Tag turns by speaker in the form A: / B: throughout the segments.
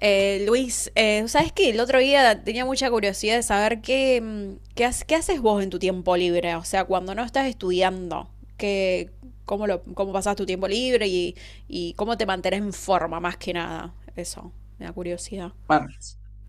A: Luis, ¿sabes qué? El otro día tenía mucha curiosidad de saber qué haces vos en tu tiempo libre, o sea, cuando no estás estudiando, qué, cómo pasás tu tiempo libre y cómo te mantenés en forma, más que nada. Eso, me da curiosidad.
B: Mano,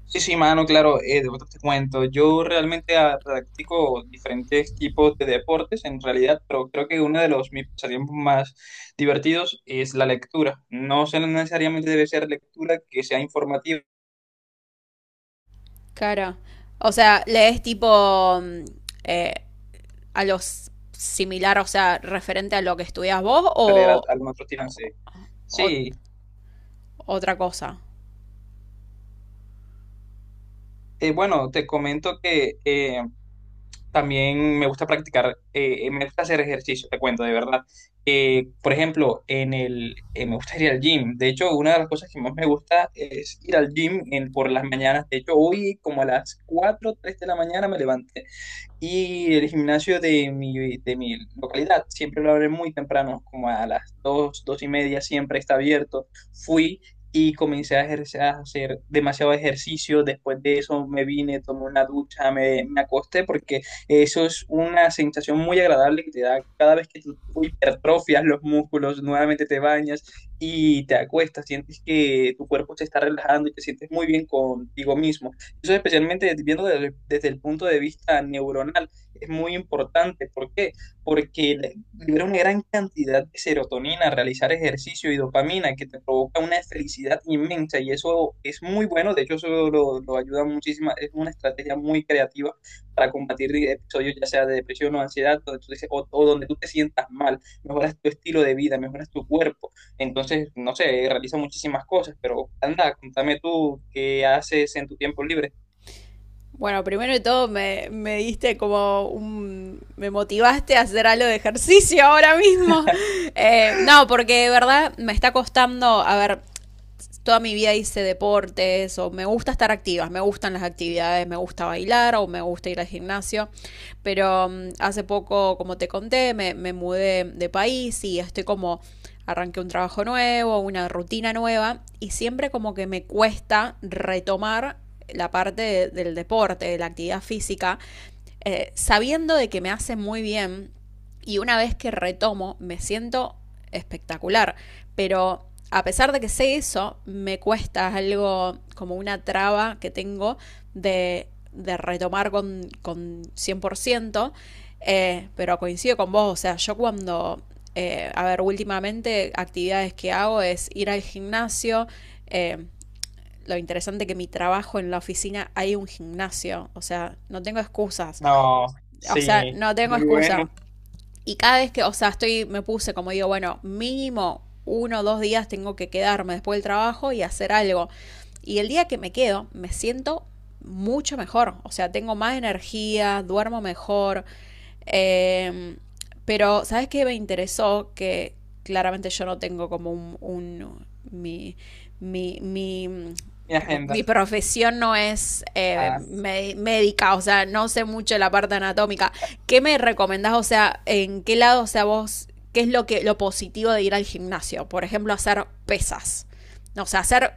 B: sí, sí, mano, claro, de verdad te cuento. Yo realmente practico diferentes tipos de deportes en realidad, pero creo que uno de los mis pasatiempos más divertidos es la lectura. No necesariamente debe ser lectura que sea informativa,
A: Cara, o sea, lees tipo eh, a los similar, o sea, referente a lo que estudias vos
B: leer algún otro tirante.
A: o
B: Sí,
A: otra cosa.
B: bueno, te comento que también me gusta practicar, me gusta hacer ejercicio, te cuento, de verdad. Por ejemplo, me gusta ir al gym. De hecho, una de las cosas que más me gusta es ir al gym por las mañanas. De hecho, hoy como a las 4 3 de la mañana me levanté y el gimnasio de mi localidad siempre lo abre muy temprano, como a las dos, dos y media, siempre está abierto. Fui y comencé a ejercer, a hacer demasiado ejercicio. Después de eso me vine, tomé una ducha, me acosté, porque eso es una sensación muy agradable que te da cada vez que tú hipertrofias los músculos, nuevamente te bañas y te acuestas, sientes que tu cuerpo se está relajando y te sientes muy bien contigo mismo. Eso especialmente viendo desde el punto de vista neuronal es muy importante. ¿Por qué? Porque libera una gran cantidad de serotonina, realizar ejercicio y dopamina que te provoca una felicidad inmensa y eso es muy bueno. De hecho, lo ayuda muchísimo. Es una estrategia muy creativa para combatir episodios ya sea de depresión o ansiedad donde tú o donde tú te sientas mal. Mejoras tu estilo de vida, mejoras tu cuerpo. Entonces, no sé, realiza muchísimas cosas, pero anda, contame tú qué haces en tu tiempo libre.
A: Bueno, primero de todo me diste como un me motivaste a hacer algo de ejercicio ahora mismo. No, porque de verdad me está costando, a ver, toda mi vida hice deportes o me gusta estar activa, me gustan las actividades, me gusta bailar o me gusta ir al gimnasio, pero hace poco, como te conté, me mudé de país y estoy como arranqué un trabajo nuevo, una rutina nueva y siempre como que me cuesta retomar la parte del deporte, de la actividad física, sabiendo de que me hace muy bien y una vez que retomo, me siento espectacular. Pero a pesar de que sé eso, me cuesta algo como una traba que tengo de retomar con 100%. Pero coincido con vos, o sea, a ver, últimamente actividades que hago es ir al gimnasio. Eh, lo interesante que mi trabajo en la oficina hay un gimnasio, o sea, no tengo excusas.
B: No,
A: O sea,
B: sí,
A: no tengo
B: muy
A: excusa.
B: bueno.
A: Y cada vez que, o sea, estoy, me puse como digo, bueno, mínimo uno o dos días tengo que quedarme después del trabajo y hacer algo. Y el día que me quedo, me siento mucho mejor. O sea, tengo más energía, duermo mejor. Eh, pero, ¿sabes qué me interesó? Que claramente yo no tengo como un mi, mi, mi
B: Mi agenda.
A: mi profesión no es
B: Ah,
A: médica, o sea, no sé mucho de la parte anatómica. ¿Qué me recomendás? O sea, ¿en qué lado, o sea, qué es lo que lo positivo de ir al gimnasio? Por ejemplo, hacer pesas. O sea, hacer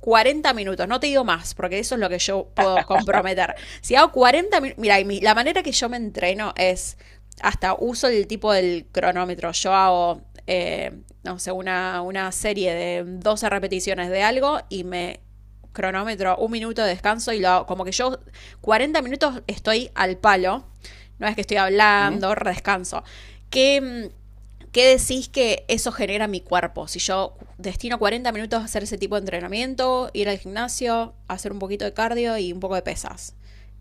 A: 40 minutos, no te digo más, porque eso es lo que yo puedo comprometer. Si hago 40 minutos, mira, la manera que yo me entreno es, hasta uso el tipo del cronómetro, yo hago, eh, no sé, una serie de 12 repeticiones de algo y me cronómetro, 1 minuto de descanso y lo como que yo 40 minutos estoy al palo, no es que estoy
B: ¿mm?
A: hablando, descanso. ¿Qué, mm, ¿Qué decís que eso genera mi cuerpo? Si yo destino 40 minutos a hacer ese tipo de entrenamiento, ir al gimnasio, hacer un poquito de cardio y un poco de pesas.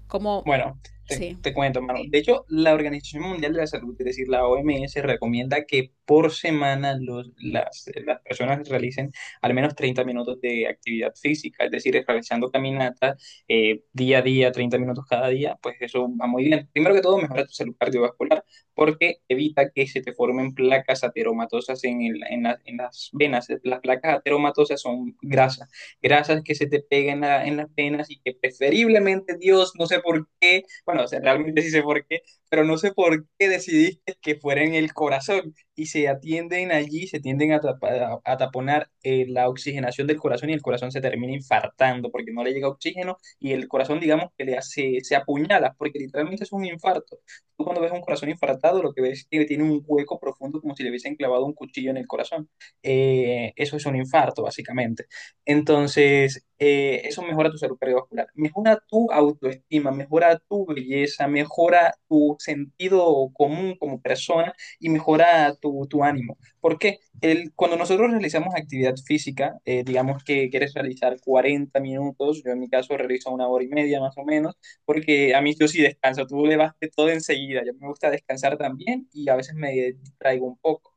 A: Como,
B: Bueno,
A: sí.
B: te cuento, mano. De hecho, la Organización Mundial de la Salud, es decir, la OMS, recomienda que por semana las personas realicen al menos 30 minutos de actividad física, es decir, realizando caminatas día a día, 30 minutos cada día, pues eso va muy bien. Primero que todo, mejora tu salud cardiovascular porque evita que se te formen placas ateromatosas en las venas. Las placas ateromatosas son grasas que se te pegan en las venas y que preferiblemente Dios, no sé por qué, bueno, o sea, realmente sí sé por qué, pero no sé por qué decidiste que fuera en el corazón y se atienden allí, se tienden a a taponar la oxigenación del corazón y el corazón se termina infartando porque no le llega oxígeno y el corazón, digamos, que le hace, se apuñala porque literalmente es un infarto. Tú cuando ves un corazón infartado, lo que ves es que tiene un hueco profundo como si le hubiesen clavado un cuchillo en el corazón. Eso es un infarto, básicamente. Entonces, eso mejora tu salud cardiovascular, mejora tu autoestima, mejora tu belleza, mejora tu sentido común como persona y mejora tu ánimo. Porque el, cuando nosotros realizamos actividad física, digamos que quieres realizar 40 minutos, yo en mi caso realizo una hora y media más o menos, porque a mí yo sí descanso, tú le vas de todo enseguida, yo me gusta descansar también y a veces me distraigo un poco.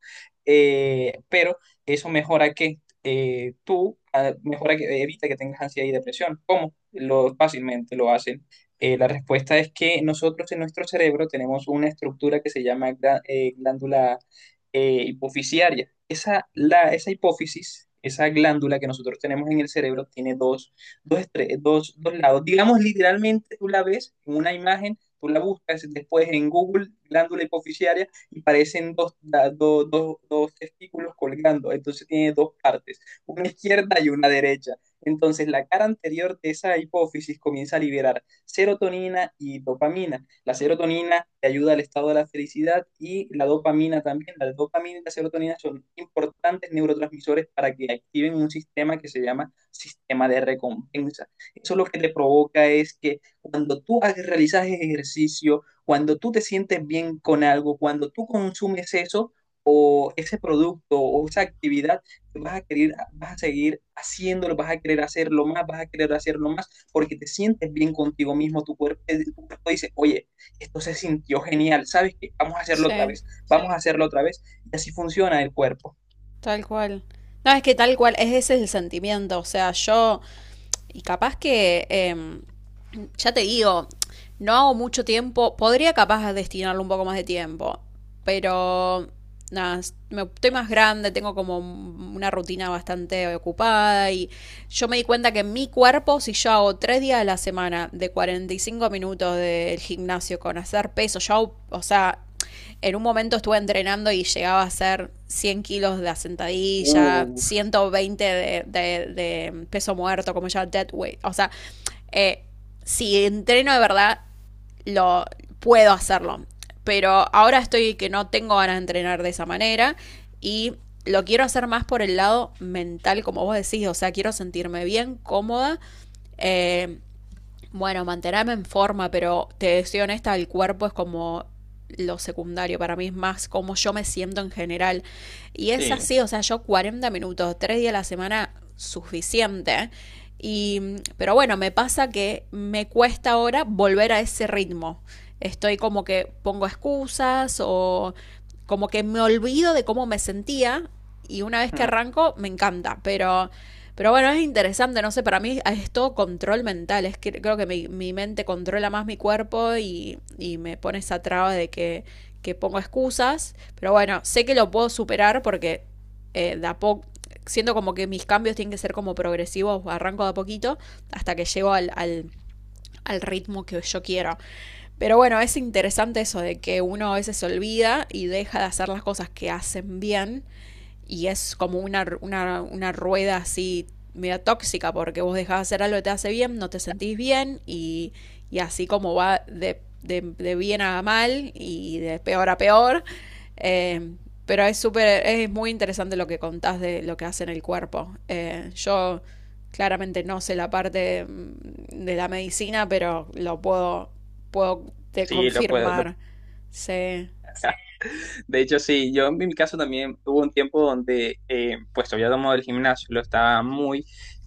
B: Pero eso mejora que tú mejora que evita que tengas ansiedad y depresión. ¿Cómo? Lo fácilmente lo hacen. La respuesta es que nosotros en nuestro cerebro tenemos una estructura que se llama glándula hipofisiaria. Esa hipófisis, esa glándula que nosotros tenemos en el cerebro, tiene dos, dos lados. Digamos, literalmente tú la ves en una imagen, tú la buscas después en Google, glándula hipofisiaria y parecen dos testículos colgando, entonces tiene dos partes, una izquierda y una derecha. Entonces la cara anterior de esa hipófisis comienza a liberar serotonina y dopamina. La serotonina te ayuda al estado de la felicidad y la dopamina también. La dopamina y la serotonina son importantes neurotransmisores para que activen un sistema que se llama sistema de recompensa. Eso lo que te provoca es que cuando tú realizas ejercicio, cuando tú te sientes bien con algo, cuando tú consumes eso o ese producto o esa actividad, vas a querer, vas a seguir haciéndolo, vas a querer hacerlo más, vas a querer hacerlo más, porque te sientes bien contigo mismo, tu cuerpo dice, oye, esto se sintió genial, ¿sabes qué? Vamos a hacerlo otra
A: Sí.
B: vez, vamos a hacerlo otra vez, y así funciona el cuerpo.
A: Tal cual. No, es que tal cual, es ese es el sentimiento. O sea, yo, y capaz que, ya te digo, no hago mucho tiempo, podría capaz destinarle un poco más de tiempo, pero nada, estoy más grande, tengo como una rutina bastante ocupada y yo me di cuenta que mi cuerpo, si yo hago tres días a la semana de 45 minutos del gimnasio con hacer peso, yo, o sea, en un momento estuve entrenando y llegaba a hacer 100 kilos de sentadilla,
B: Uh,
A: 120 de, de peso muerto, como ya dead weight. O sea, eh, si entreno de verdad, lo puedo hacerlo. Pero ahora estoy que no tengo ganas de entrenar de esa manera y lo quiero hacer más por el lado mental, como vos decís. O sea, quiero sentirme bien, cómoda. eh, bueno, mantenerme en forma, pero te soy honesta, el cuerpo es como lo secundario, para mí es más como yo me siento en general. Y es
B: sí,
A: así, o sea, yo 40 minutos, 3 días a la semana, suficiente. Y, pero bueno, me pasa que me cuesta ahora volver a ese ritmo. Estoy como que pongo excusas o como que me olvido de cómo me sentía y una vez que
B: mm,
A: arranco me encanta, pero bueno, es interesante, no sé, para mí es todo control mental, es que creo que mi mente controla más mi cuerpo y me pone esa traba que pongo excusas, pero bueno, sé que lo puedo superar porque de a poco, siento como que mis cambios tienen que ser como progresivos, arranco de a poquito hasta que llego al ritmo que yo quiero. Pero bueno, es interesante eso de que uno a veces se olvida y deja de hacer las cosas que hacen bien y es como una rueda así media tóxica porque vos dejás de hacer algo que te hace bien, no te sentís bien y así como va bien a mal y de peor a peor. Eh, pero es súper, es muy interesante lo que contás de lo que hace en el cuerpo. Yo claramente no sé la parte de la medicina, pero puedo te
B: sí, lo puedo, lo
A: confirmar. Sí.
B: de hecho, sí, yo en mi caso también hubo un tiempo donde, pues había tomado el gimnasio, lo estaba muy,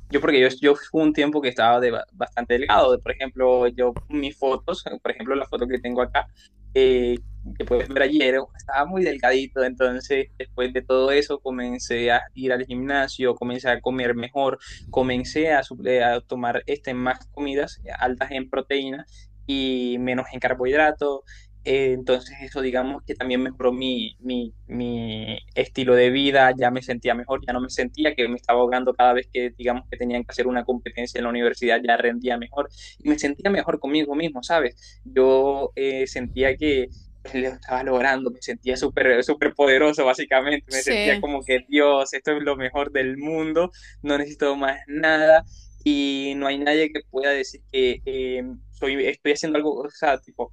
B: yo porque yo fui un tiempo que estaba de, bastante delgado, por ejemplo, yo mis fotos, por ejemplo, la foto que tengo acá, eh, que puedes ver ayer, estaba muy delgadito, entonces después de todo eso comencé a ir al gimnasio, comencé a comer mejor, comencé a, a tomar este, más comidas altas en proteínas y menos en carbohidratos, entonces eso, digamos que también mejoró mi estilo de vida, ya me sentía mejor, ya no me sentía que me estaba ahogando cada vez que, digamos, que tenían que hacer una competencia en la universidad, ya rendía mejor y me sentía mejor conmigo mismo, ¿sabes? Yo sentía que pues, lo estaba logrando, me sentía súper, súper poderoso, básicamente, me sentía
A: Sí.
B: como que Dios, esto es lo mejor del mundo, no necesito más nada y no hay nadie que pueda decir que soy, estoy haciendo algo, o sea,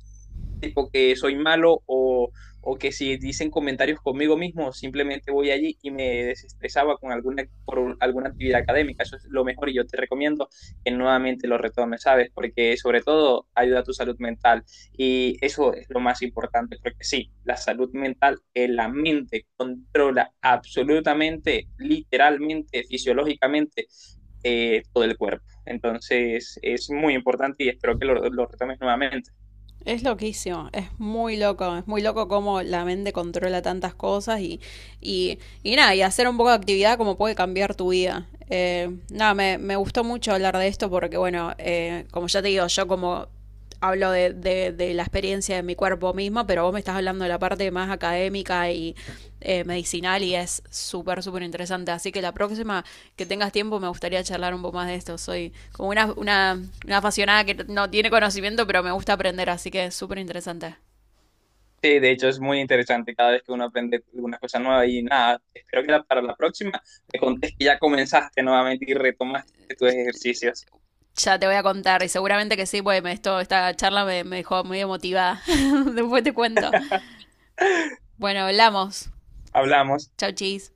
B: tipo que soy malo o que si dicen comentarios conmigo mismo, simplemente voy allí y me desestresaba con alguna, por alguna actividad académica. Eso es lo mejor y yo te recomiendo que nuevamente lo retomes, ¿sabes? Porque sobre todo ayuda a tu salud mental y eso es lo más importante, porque sí, la salud mental, que la mente controla absolutamente, literalmente, fisiológicamente todo el cuerpo. Entonces es muy importante y espero que lo retomes nuevamente.
A: Es loquísimo, es muy loco cómo la mente controla tantas cosas y nada, y hacer un poco de actividad como puede cambiar tu vida. Nada, me gustó mucho hablar de esto porque, bueno, como ya te digo, yo como hablo de la experiencia ciencia de mi cuerpo misma, pero vos me estás hablando de la parte más académica y medicinal y es súper, súper interesante. Así que la próxima que tengas tiempo me gustaría charlar un poco más de esto. Soy como una apasionada que no tiene conocimiento, pero me gusta aprender, así que es súper interesante.
B: Sí, de hecho es muy interesante cada vez que uno aprende alguna cosa nueva y nada, espero que para la próxima me contes que ya comenzaste nuevamente y retomaste tus ejercicios.
A: Ya te voy a contar y seguramente que sí, pues esto, esta charla me dejó muy emotivada. Después te cuento. Bueno, hablamos.
B: Hablamos.
A: Chau, chis.